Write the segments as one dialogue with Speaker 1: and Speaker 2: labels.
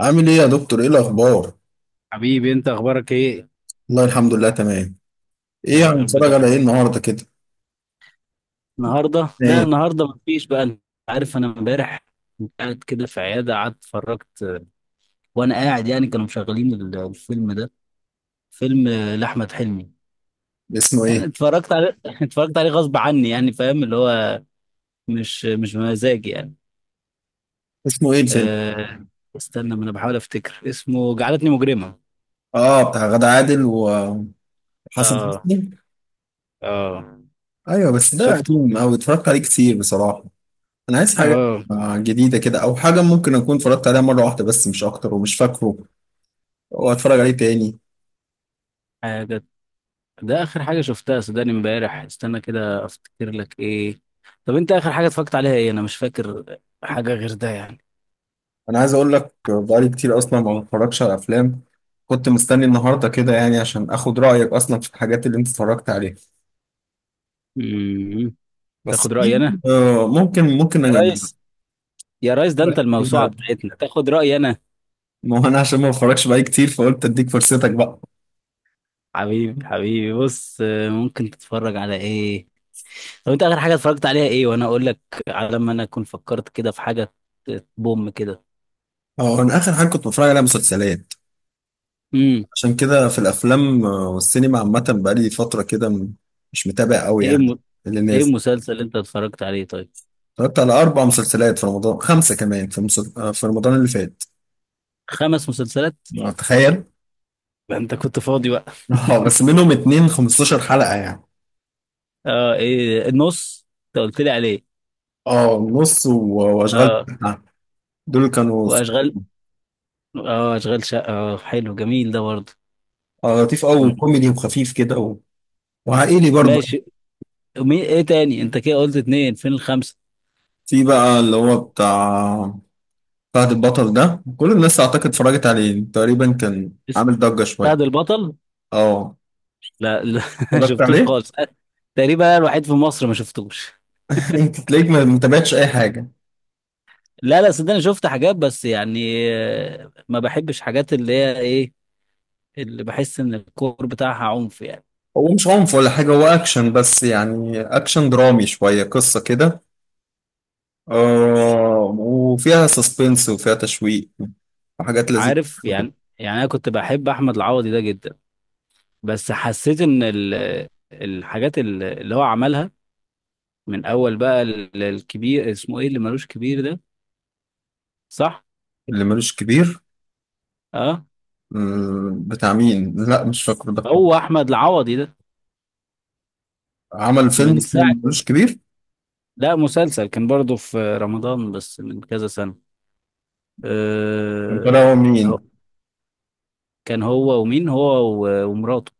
Speaker 1: عامل ايه يا دكتور؟ ايه الاخبار؟
Speaker 2: حبيبي، انت اخبارك ايه؟
Speaker 1: والله الحمد لله تمام. ايه
Speaker 2: يا رب
Speaker 1: هنتفرج على
Speaker 2: دايما.
Speaker 1: ايه النهارده كده؟
Speaker 2: النهارده لا
Speaker 1: ايه؟
Speaker 2: النهارده مفيش. بقى انت عارف، انا امبارح كنت قاعد كده في عياده، قعدت اتفرجت. وانا قاعد، يعني كانوا مشغلين الفيلم ده. فيلم، لاحمد حلمي.
Speaker 1: اسمه
Speaker 2: يعني
Speaker 1: ايه؟
Speaker 2: اتفرجت عليه اتفرجت عليه غصب عني، يعني فاهم اللي هو، مش بمزاجي يعني.
Speaker 1: اسمه ايه الفيلم؟
Speaker 2: أه... استنى، ما انا بحاول افتكر اسمه. جعلتني مجرمه.
Speaker 1: اه، بتاع غادة عادل وحسن حسني.
Speaker 2: اه، اه.
Speaker 1: ايوه، بس ده
Speaker 2: شفته.
Speaker 1: قديم اوي، اتفرجت عليه كتير بصراحه. انا عايز حاجه
Speaker 2: اه.
Speaker 1: جديده كده، او حاجه ممكن اكون اتفرجت عليها مره واحده بس، مش اكتر ومش فاكره، واتفرج عليه تاني.
Speaker 2: حاجه. ده اخر حاجه شفتها، صدقني امبارح. استنى كده افتكر لك ايه. طب انت اخر حاجه اتفرجت عليها ايه؟ انا مش فاكر حاجه غير ده يعني.
Speaker 1: انا عايز اقول لك، بقالي كتير اصلا ما بتفرجش على افلام. كنت مستني النهارده كده يعني عشان اخد رايك اصلا في الحاجات اللي انت اتفرجت عليها.
Speaker 2: امم.
Speaker 1: بس
Speaker 2: تاخد رايي
Speaker 1: في
Speaker 2: انا؟
Speaker 1: ممكن
Speaker 2: يا
Speaker 1: انا.
Speaker 2: ريس، يا ريس، ده انت الموسوعه بتاعتنا تاخد رايي انا؟
Speaker 1: ما هو انا عشان ما بتفرجش بقى كتير، فقلت اديك فرصتك بقى.
Speaker 2: حبيبي، حبيبي، بص، ممكن تتفرج على ايه؟ طب انت اخر حاجه اتفرجت عليها ايه وانا اقول لك؟ على ما انا اكون فكرت كده في حاجه. بوم كده.
Speaker 1: اه، انا اخر حاجه كنت بتفرج عليها مسلسلات.
Speaker 2: امم.
Speaker 1: عشان كده في الافلام والسينما عامه بقالي فتره كده، مش متابع قوي
Speaker 2: ايه
Speaker 1: يعني اللي
Speaker 2: ايه
Speaker 1: نازل.
Speaker 2: المسلسل اللي انت اتفرجت عليه طيب؟
Speaker 1: اتفرجت على اربع مسلسلات في رمضان، خمسه كمان في مسل... آه، في رمضان اللي فات.
Speaker 2: خمس مسلسلات!
Speaker 1: تخيل.
Speaker 2: ما انت كنت فاضي بقى.
Speaker 1: اه بس منهم اتنين 15 حلقه يعني.
Speaker 2: اه، ايه النص انت قلت لي عليه؟
Speaker 1: اه، نص واشغال
Speaker 2: اه،
Speaker 1: شقة. دول كانوا
Speaker 2: واشغال. اه، اشغال شقه. اه، حلو جميل ده برضه.
Speaker 1: لطيف قوي
Speaker 2: مم.
Speaker 1: وكوميدي وخفيف كده وعائلي برضه.
Speaker 2: ماشي. مين ايه تاني؟ انت كده قلت اتنين، فين الخمسه؟
Speaker 1: في بقى اللي هو بتاع فهد البطل ده، كل الناس اعتقد اتفرجت عليه تقريبا، كان
Speaker 2: بس
Speaker 1: عامل ضجة شوية.
Speaker 2: فهد البطل.
Speaker 1: اه،
Speaker 2: لا، لا، ما
Speaker 1: اتفرجت
Speaker 2: شفتوش
Speaker 1: عليه.
Speaker 2: خالص، تقريبا انا الوحيد في مصر ما شفتوش.
Speaker 1: انت تلاقيك ما متابعتش اي حاجة.
Speaker 2: لا، لا، صدقني شفت حاجات بس يعني، ما بحبش حاجات اللي هي ايه، اللي بحس ان الكور بتاعها عنف يعني.
Speaker 1: هو مش عنف ولا حاجة، هو اكشن بس، يعني اكشن درامي شوية، قصة كده، آه وفيها سسبنس وفيها تشويق وحاجات لذيذة
Speaker 2: عارف
Speaker 1: كده.
Speaker 2: يعني انا كنت بحب احمد العوضي ده جدا، بس حسيت ان الحاجات اللي هو عملها من اول بقى. الكبير اسمه ايه، اللي ملوش كبير ده؟ صح.
Speaker 1: اللي ملوش كبير؟
Speaker 2: اه،
Speaker 1: بتاع مين؟ لا مش فاكر ده
Speaker 2: هو
Speaker 1: خالص.
Speaker 2: احمد العوضي ده.
Speaker 1: عمل فيلم
Speaker 2: من
Speaker 1: اسمه
Speaker 2: ساعه.
Speaker 1: ملوش كبير؟
Speaker 2: لا، مسلسل كان برضه في رمضان، بس من كذا سنه.
Speaker 1: كان
Speaker 2: آه.
Speaker 1: طالع هو مين؟
Speaker 2: هو- كان هو ومين؟ هو ومراته،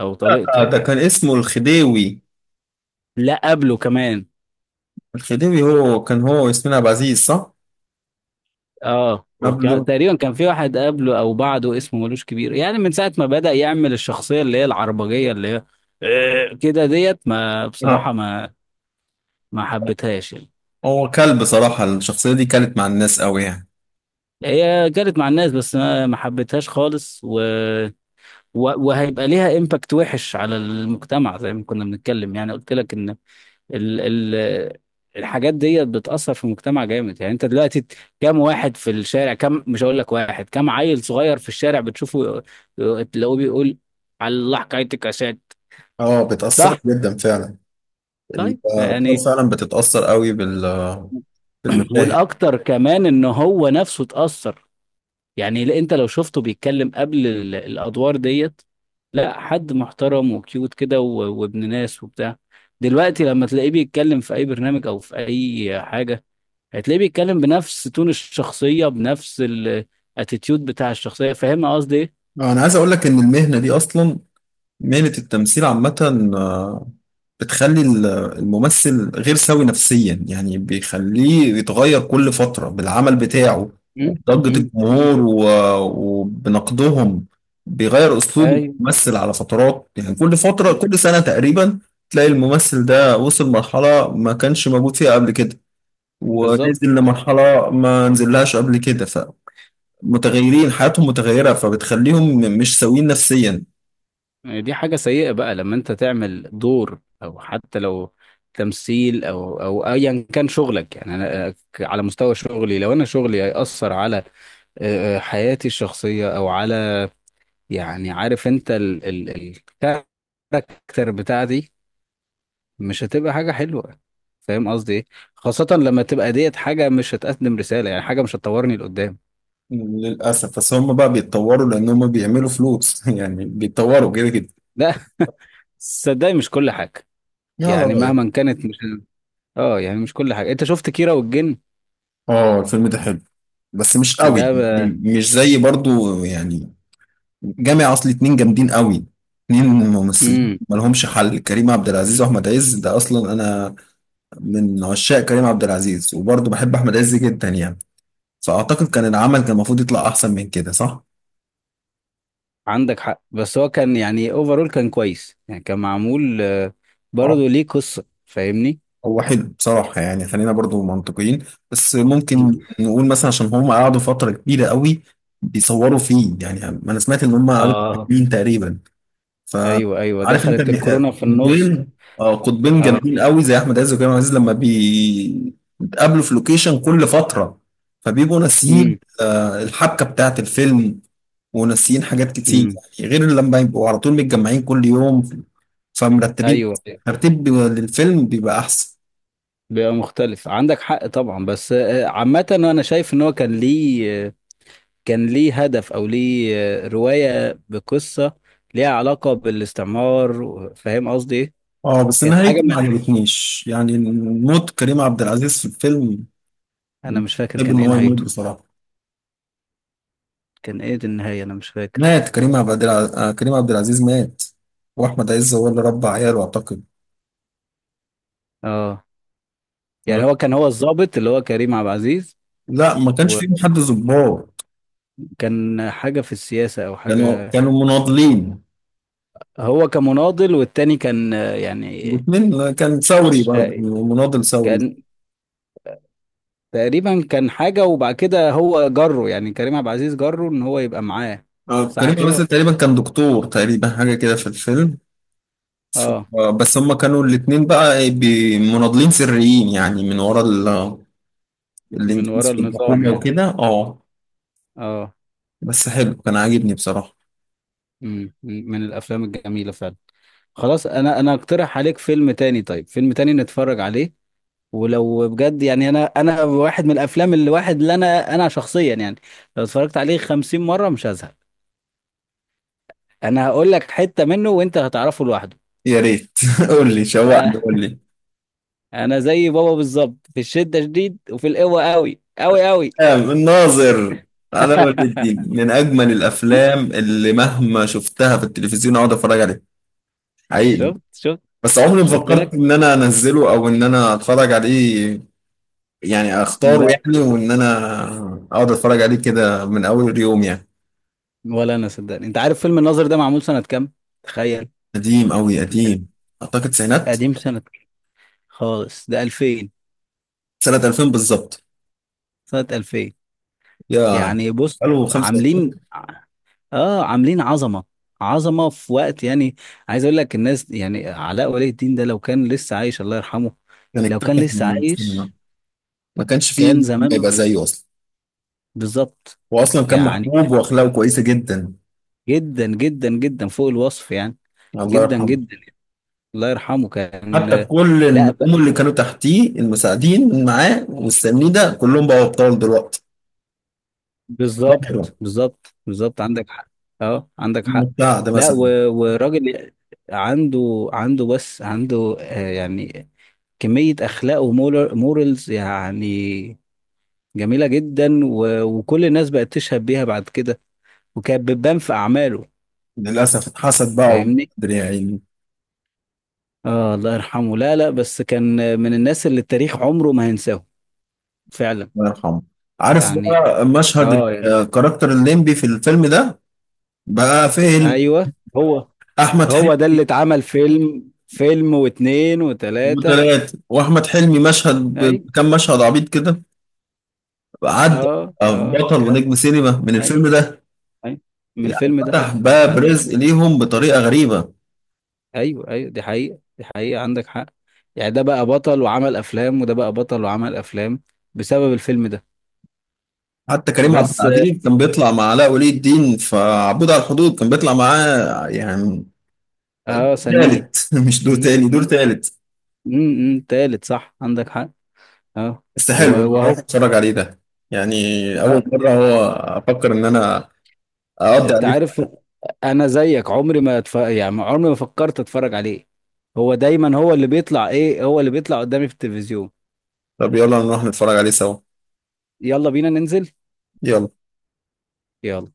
Speaker 2: او طليقته
Speaker 1: آه، ده
Speaker 2: يعني.
Speaker 1: كان اسمه الخديوي.
Speaker 2: لا، قبله كمان.
Speaker 1: الخديوي هو كان هو وياسمين عبد العزيز، صح؟
Speaker 2: اه، وكان
Speaker 1: قبله؟
Speaker 2: تقريبا كان في واحد قبله او بعده اسمه ملوش كبير، يعني من ساعه ما بدأ يعمل الشخصيه اللي هي العربجيه اللي هي، كده ديت، ما
Speaker 1: اه.
Speaker 2: بصراحه ما حبيتهاش يعني.
Speaker 1: هو كلب صراحة، الشخصية دي كانت مع الناس قوي يعني.
Speaker 2: هي جرت مع الناس، بس ما حبيتهاش خالص، و... وهيبقى ليها امباكت وحش على المجتمع، زي ما كنا بنتكلم يعني، قلت لك ان ال ال الحاجات دي بتأثر في المجتمع جامد. يعني انت دلوقتي كام واحد في الشارع، كام، مش هقول لك واحد، كام عيل صغير في الشارع بتشوفه تلاقوه بيقول، على الله حكايتك يا سات.
Speaker 1: اه، بتأثر
Speaker 2: صح.
Speaker 1: جدا فعلا.
Speaker 2: طيب
Speaker 1: الأطفال
Speaker 2: يعني
Speaker 1: فعلا بتتأثر قوي بالمشاهد.
Speaker 2: والاكتر كمان ان هو نفسه اتأثر. يعني لا، انت لو شفته بيتكلم قبل الادوار ديت، لا، حد محترم وكيوت كده، وابن ناس وبتاع. دلوقتي لما تلاقيه بيتكلم في اي برنامج او في اي حاجة، هتلاقيه بيتكلم بنفس تون الشخصية، بنفس الاتيتيود بتاع الشخصية. فاهم قصدي ايه؟
Speaker 1: أنا عايز أقول لك إن المهنة دي أصلا، مهنة التمثيل عامة، بتخلي الممثل غير سوي نفسيا، يعني بيخليه يتغير كل فترة بالعمل بتاعه،
Speaker 2: مم،
Speaker 1: وبضجة
Speaker 2: مم، مم.
Speaker 1: الجمهور وبنقدهم. بيغير أسلوب
Speaker 2: ايوه،
Speaker 1: الممثل على فترات يعني، كل فترة
Speaker 2: بالظبط،
Speaker 1: كل سنة تقريبا تلاقي الممثل ده وصل مرحلة ما كانش موجود فيها قبل كده،
Speaker 2: بالظبط.
Speaker 1: ونازل لمرحلة ما نزلهاش قبل كده. فمتغيرين، حياتهم متغيرة، فبتخليهم مش سويين نفسيا.
Speaker 2: يعني دي حاجة سيئة بقى لما انت تعمل دور، او حتى لو تمثيل، او ايا كان شغلك. يعني انا، على مستوى شغلي، لو انا شغلي هيأثر على، حياتي الشخصية، او على، يعني عارف انت ال ال الكاركتر بتاعتي مش هتبقى حاجة حلوة. فاهم قصدي ايه؟ خاصة لما تبقى ديت حاجة مش هتقدم رسالة، يعني حاجة مش هتطورني لقدام.
Speaker 1: للأسف بس هم بقى بيتطوروا، لأن هم بيعملوا فلوس، يعني بيتطوروا كده كده.
Speaker 2: لا، صدقني، مش كل حاجة.
Speaker 1: يلا
Speaker 2: يعني
Speaker 1: رأيك.
Speaker 2: مهما كانت، مش، اه يعني مش كل حاجة. انت شفت كيرة والجن؟
Speaker 1: اه، الفيلم ده حلو بس مش قوي
Speaker 2: ده
Speaker 1: يعني، مش زي برضو يعني جامع، أصل اتنين جامدين قوي، اتنين ممثلين
Speaker 2: مم.
Speaker 1: مالهمش حل، كريم عبد العزيز وأحمد عز. ده أصلا أنا من عشاق كريم عبد العزيز، وبرضو بحب أحمد عز جدا يعني. فأعتقد كان العمل كان المفروض يطلع أحسن من كده، صح؟
Speaker 2: عندك حق، بس هو كان، يعني اوفرول كان كويس، يعني كان معمول، برضه ليه قصة، فاهمني.
Speaker 1: هو حلو بصراحة، يعني خلينا برضو منطقيين. بس ممكن نقول مثلا عشان هم قعدوا فترة كبيرة قوي بيصوروا فيه، يعني أنا سمعت إن هم قعدوا
Speaker 2: اه،
Speaker 1: سنين تقريبا.
Speaker 2: ايوه، ايوه،
Speaker 1: فعارف أنت،
Speaker 2: دخلت الكورونا في النص.
Speaker 1: قطبين، قطبين
Speaker 2: اه.
Speaker 1: جامدين قوي زي أحمد عز وكريم عبد العزيز، لما بيتقابلوا في لوكيشن كل فترة، فبيبقوا ناسيين
Speaker 2: امم،
Speaker 1: الحبكة بتاعت الفيلم، وناسيين حاجات كتير
Speaker 2: امم.
Speaker 1: يعني. غير لما يبقوا على طول متجمعين كل يوم، فمرتبين
Speaker 2: ايوه،
Speaker 1: ترتيب للفيلم بيبقى أحسن.
Speaker 2: بيبقى مختلف، عندك حق طبعا. بس عامة انا شايف ان هو كان ليه، كان ليه هدف او ليه، رواية بقصة ليها علاقة بالاستعمار. فاهم قصدي ايه؟
Speaker 1: اه بس
Speaker 2: كانت حاجة
Speaker 1: نهايته ما عجبتنيش، يعني موت كريم عبد العزيز في الفيلم.
Speaker 2: انا مش فاكر
Speaker 1: بحب
Speaker 2: كان
Speaker 1: ان
Speaker 2: ايه
Speaker 1: هو يموت
Speaker 2: نهايته.
Speaker 1: بصراحه.
Speaker 2: كان ايه دي النهاية؟ انا مش فاكر.
Speaker 1: مات كريم عبد العزيز، آه كريم عبد العزيز مات، واحمد عز هو اللي ربى عياله اعتقد.
Speaker 2: اه
Speaker 1: ف-
Speaker 2: يعني، هو كان هو الضابط اللي هو كريم عبد العزيز،
Speaker 1: لا ما كانش فيهم حد ظباط،
Speaker 2: وكان حاجة في السياسة او
Speaker 1: كانوا
Speaker 2: حاجة.
Speaker 1: كانوا مناضلين.
Speaker 2: هو كمناضل، والتاني كان،
Speaker 1: الاثنين كان
Speaker 2: ش-
Speaker 1: ثوري
Speaker 2: ش-
Speaker 1: برضه، مناضل ثوري.
Speaker 2: كان تقريبا كان حاجة، وبعد كده هو جره، يعني كريم عبد العزيز جره ان هو يبقى معاه.
Speaker 1: كريم
Speaker 2: صح
Speaker 1: عبد
Speaker 2: كده.
Speaker 1: العزيز تقريبا كان دكتور تقريبا، حاجه كده في الفيلم.
Speaker 2: اه،
Speaker 1: بس هما كانوا الاثنين بقى مناضلين سريين يعني، من ورا
Speaker 2: من ورا
Speaker 1: الانجليزي
Speaker 2: النظام
Speaker 1: الحكومي
Speaker 2: يعني.
Speaker 1: وكده. اه
Speaker 2: اه.
Speaker 1: بس حلو، كان عاجبني بصراحة.
Speaker 2: مم. من الافلام الجميلة فعلا. خلاص، انا اقترح عليك فيلم تاني. طيب فيلم تاني نتفرج عليه، ولو بجد يعني، انا واحد من الافلام اللي واحد اللي انا شخصيا، يعني لو اتفرجت عليه 50 مرة مش هزهق. انا هقول لك حتة منه وانت هتعرفه لوحده.
Speaker 1: يا ريت. قول لي، شوقني،
Speaker 2: آه.
Speaker 1: قول لي.
Speaker 2: انا زي بابا بالظبط، في الشدة شديد وفي القوة قوي قوي قوي.
Speaker 1: الناظر، على ولي الدين، من اجمل الافلام، اللي مهما شفتها في التلفزيون اقعد اتفرج عليها. حقيقي.
Speaker 2: شفت، شفت.
Speaker 1: بس عمري ما
Speaker 2: مش قلت
Speaker 1: فكرت
Speaker 2: لك؟
Speaker 1: ان انا انزله، او ان انا اتفرج عليه يعني، اختاره
Speaker 2: لا.
Speaker 1: يعني، وان انا اقعد اتفرج عليه كده من اول يوم يعني.
Speaker 2: ولا انا، صدقني. انت عارف فيلم الناظر ده معمول سنة كام؟ تخيل.
Speaker 1: قديم قوي قديم، اعتقد سنة
Speaker 2: قديم، سنة خالص، ده 2000.
Speaker 1: سنة 2000 بالظبط.
Speaker 2: سنة 2000.
Speaker 1: يا،
Speaker 2: يعني بص،
Speaker 1: قالوا 25.
Speaker 2: عاملين اه عاملين عظمة. عظمة في وقت، يعني عايز اقول لك، الناس يعني علاء ولي الدين ده لو كان لسه عايش، الله يرحمه،
Speaker 1: كان
Speaker 2: لو كان
Speaker 1: اكتسح
Speaker 2: لسه
Speaker 1: السينما،
Speaker 2: عايش
Speaker 1: ما كانش
Speaker 2: كان
Speaker 1: فيه ما
Speaker 2: زمانه.
Speaker 1: يبقى زيه اصلا.
Speaker 2: بالظبط.
Speaker 1: هو اصلا كان
Speaker 2: يعني
Speaker 1: محبوب واخلاقه كويسه جدا،
Speaker 2: جدا جدا جدا، فوق الوصف يعني.
Speaker 1: الله
Speaker 2: جدا،
Speaker 1: يرحمه.
Speaker 2: جدا. الله يرحمه كان.
Speaker 1: حتى كل
Speaker 2: لا،
Speaker 1: النجوم اللي كانوا تحتيه المساعدين معاه والسامين ده، كلهم بقوا ابطال دلوقتي. ظاهره
Speaker 2: بالظبط، بالظبط، بالظبط، عندك حق. اه عندك حق.
Speaker 1: بتاع ده
Speaker 2: لا،
Speaker 1: مثلا.
Speaker 2: وراجل عنده بس عنده، يعني كمية أخلاق ومورالز يعني جميلة جدا، وكل الناس بقت تشهد بيها بعد كده، وكانت بتبان في أعماله.
Speaker 1: للاسف اتحسد بقى
Speaker 2: فاهمني؟
Speaker 1: وقدر، يا عيني.
Speaker 2: اه، الله يرحمه. لا، لا، بس كان من الناس اللي التاريخ عمره ما هينساه. فعلا.
Speaker 1: الله يرحمه. عارف
Speaker 2: يعني
Speaker 1: بقى مشهد
Speaker 2: اه يعني.
Speaker 1: الكاركتر الليمبي في الفيلم ده بقى فين؟
Speaker 2: ايوه، هو
Speaker 1: احمد
Speaker 2: هو ده اللي
Speaker 1: حلمي.
Speaker 2: اتعمل، فيلم واتنين وتلاتة.
Speaker 1: وثلاث، واحمد حلمي مشهد
Speaker 2: اي،
Speaker 1: بكم مشهد عبيط كده عدى،
Speaker 2: اه، اه
Speaker 1: بطل
Speaker 2: كده.
Speaker 1: ونجم سينما من
Speaker 2: اي.
Speaker 1: الفيلم ده.
Speaker 2: اي، من
Speaker 1: يعني
Speaker 2: الفيلم ده.
Speaker 1: فتح باب
Speaker 2: عندك
Speaker 1: رزق
Speaker 2: حق.
Speaker 1: ليهم بطريقة غريبة.
Speaker 2: ايوه، ايوه، دي حقيقة، دي حقيقة، عندك حق. يعني ده بقى بطل وعمل افلام، وده بقى بطل وعمل افلام، بسبب الفيلم ده.
Speaker 1: حتى كريم عبد
Speaker 2: بس
Speaker 1: العزيز كان بيطلع مع علاء ولي الدين في عبود على الحدود، كان بيطلع معاه يعني
Speaker 2: اه، سنيد.
Speaker 1: تالت. مش دور
Speaker 2: م-
Speaker 1: تاني، دور
Speaker 2: م-
Speaker 1: تالت.
Speaker 2: تالت، صح، عندك حق. اه،
Speaker 1: بس حلو، انا
Speaker 2: وهو.
Speaker 1: هروح اتفرج عليه ده يعني، اول
Speaker 2: لا،
Speaker 1: مرة هو افكر ان انا اقضي
Speaker 2: انت
Speaker 1: عليه.
Speaker 2: عارف، انا زيك عمري ما يعني عمري ما فكرت اتفرج عليه. هو دايما هو اللي بيطلع، ايه، هو اللي بيطلع قدامي في التلفزيون.
Speaker 1: طب يلا نروح نتفرج عليه سوا.
Speaker 2: يلا بينا ننزل.
Speaker 1: يلا.
Speaker 2: يلا.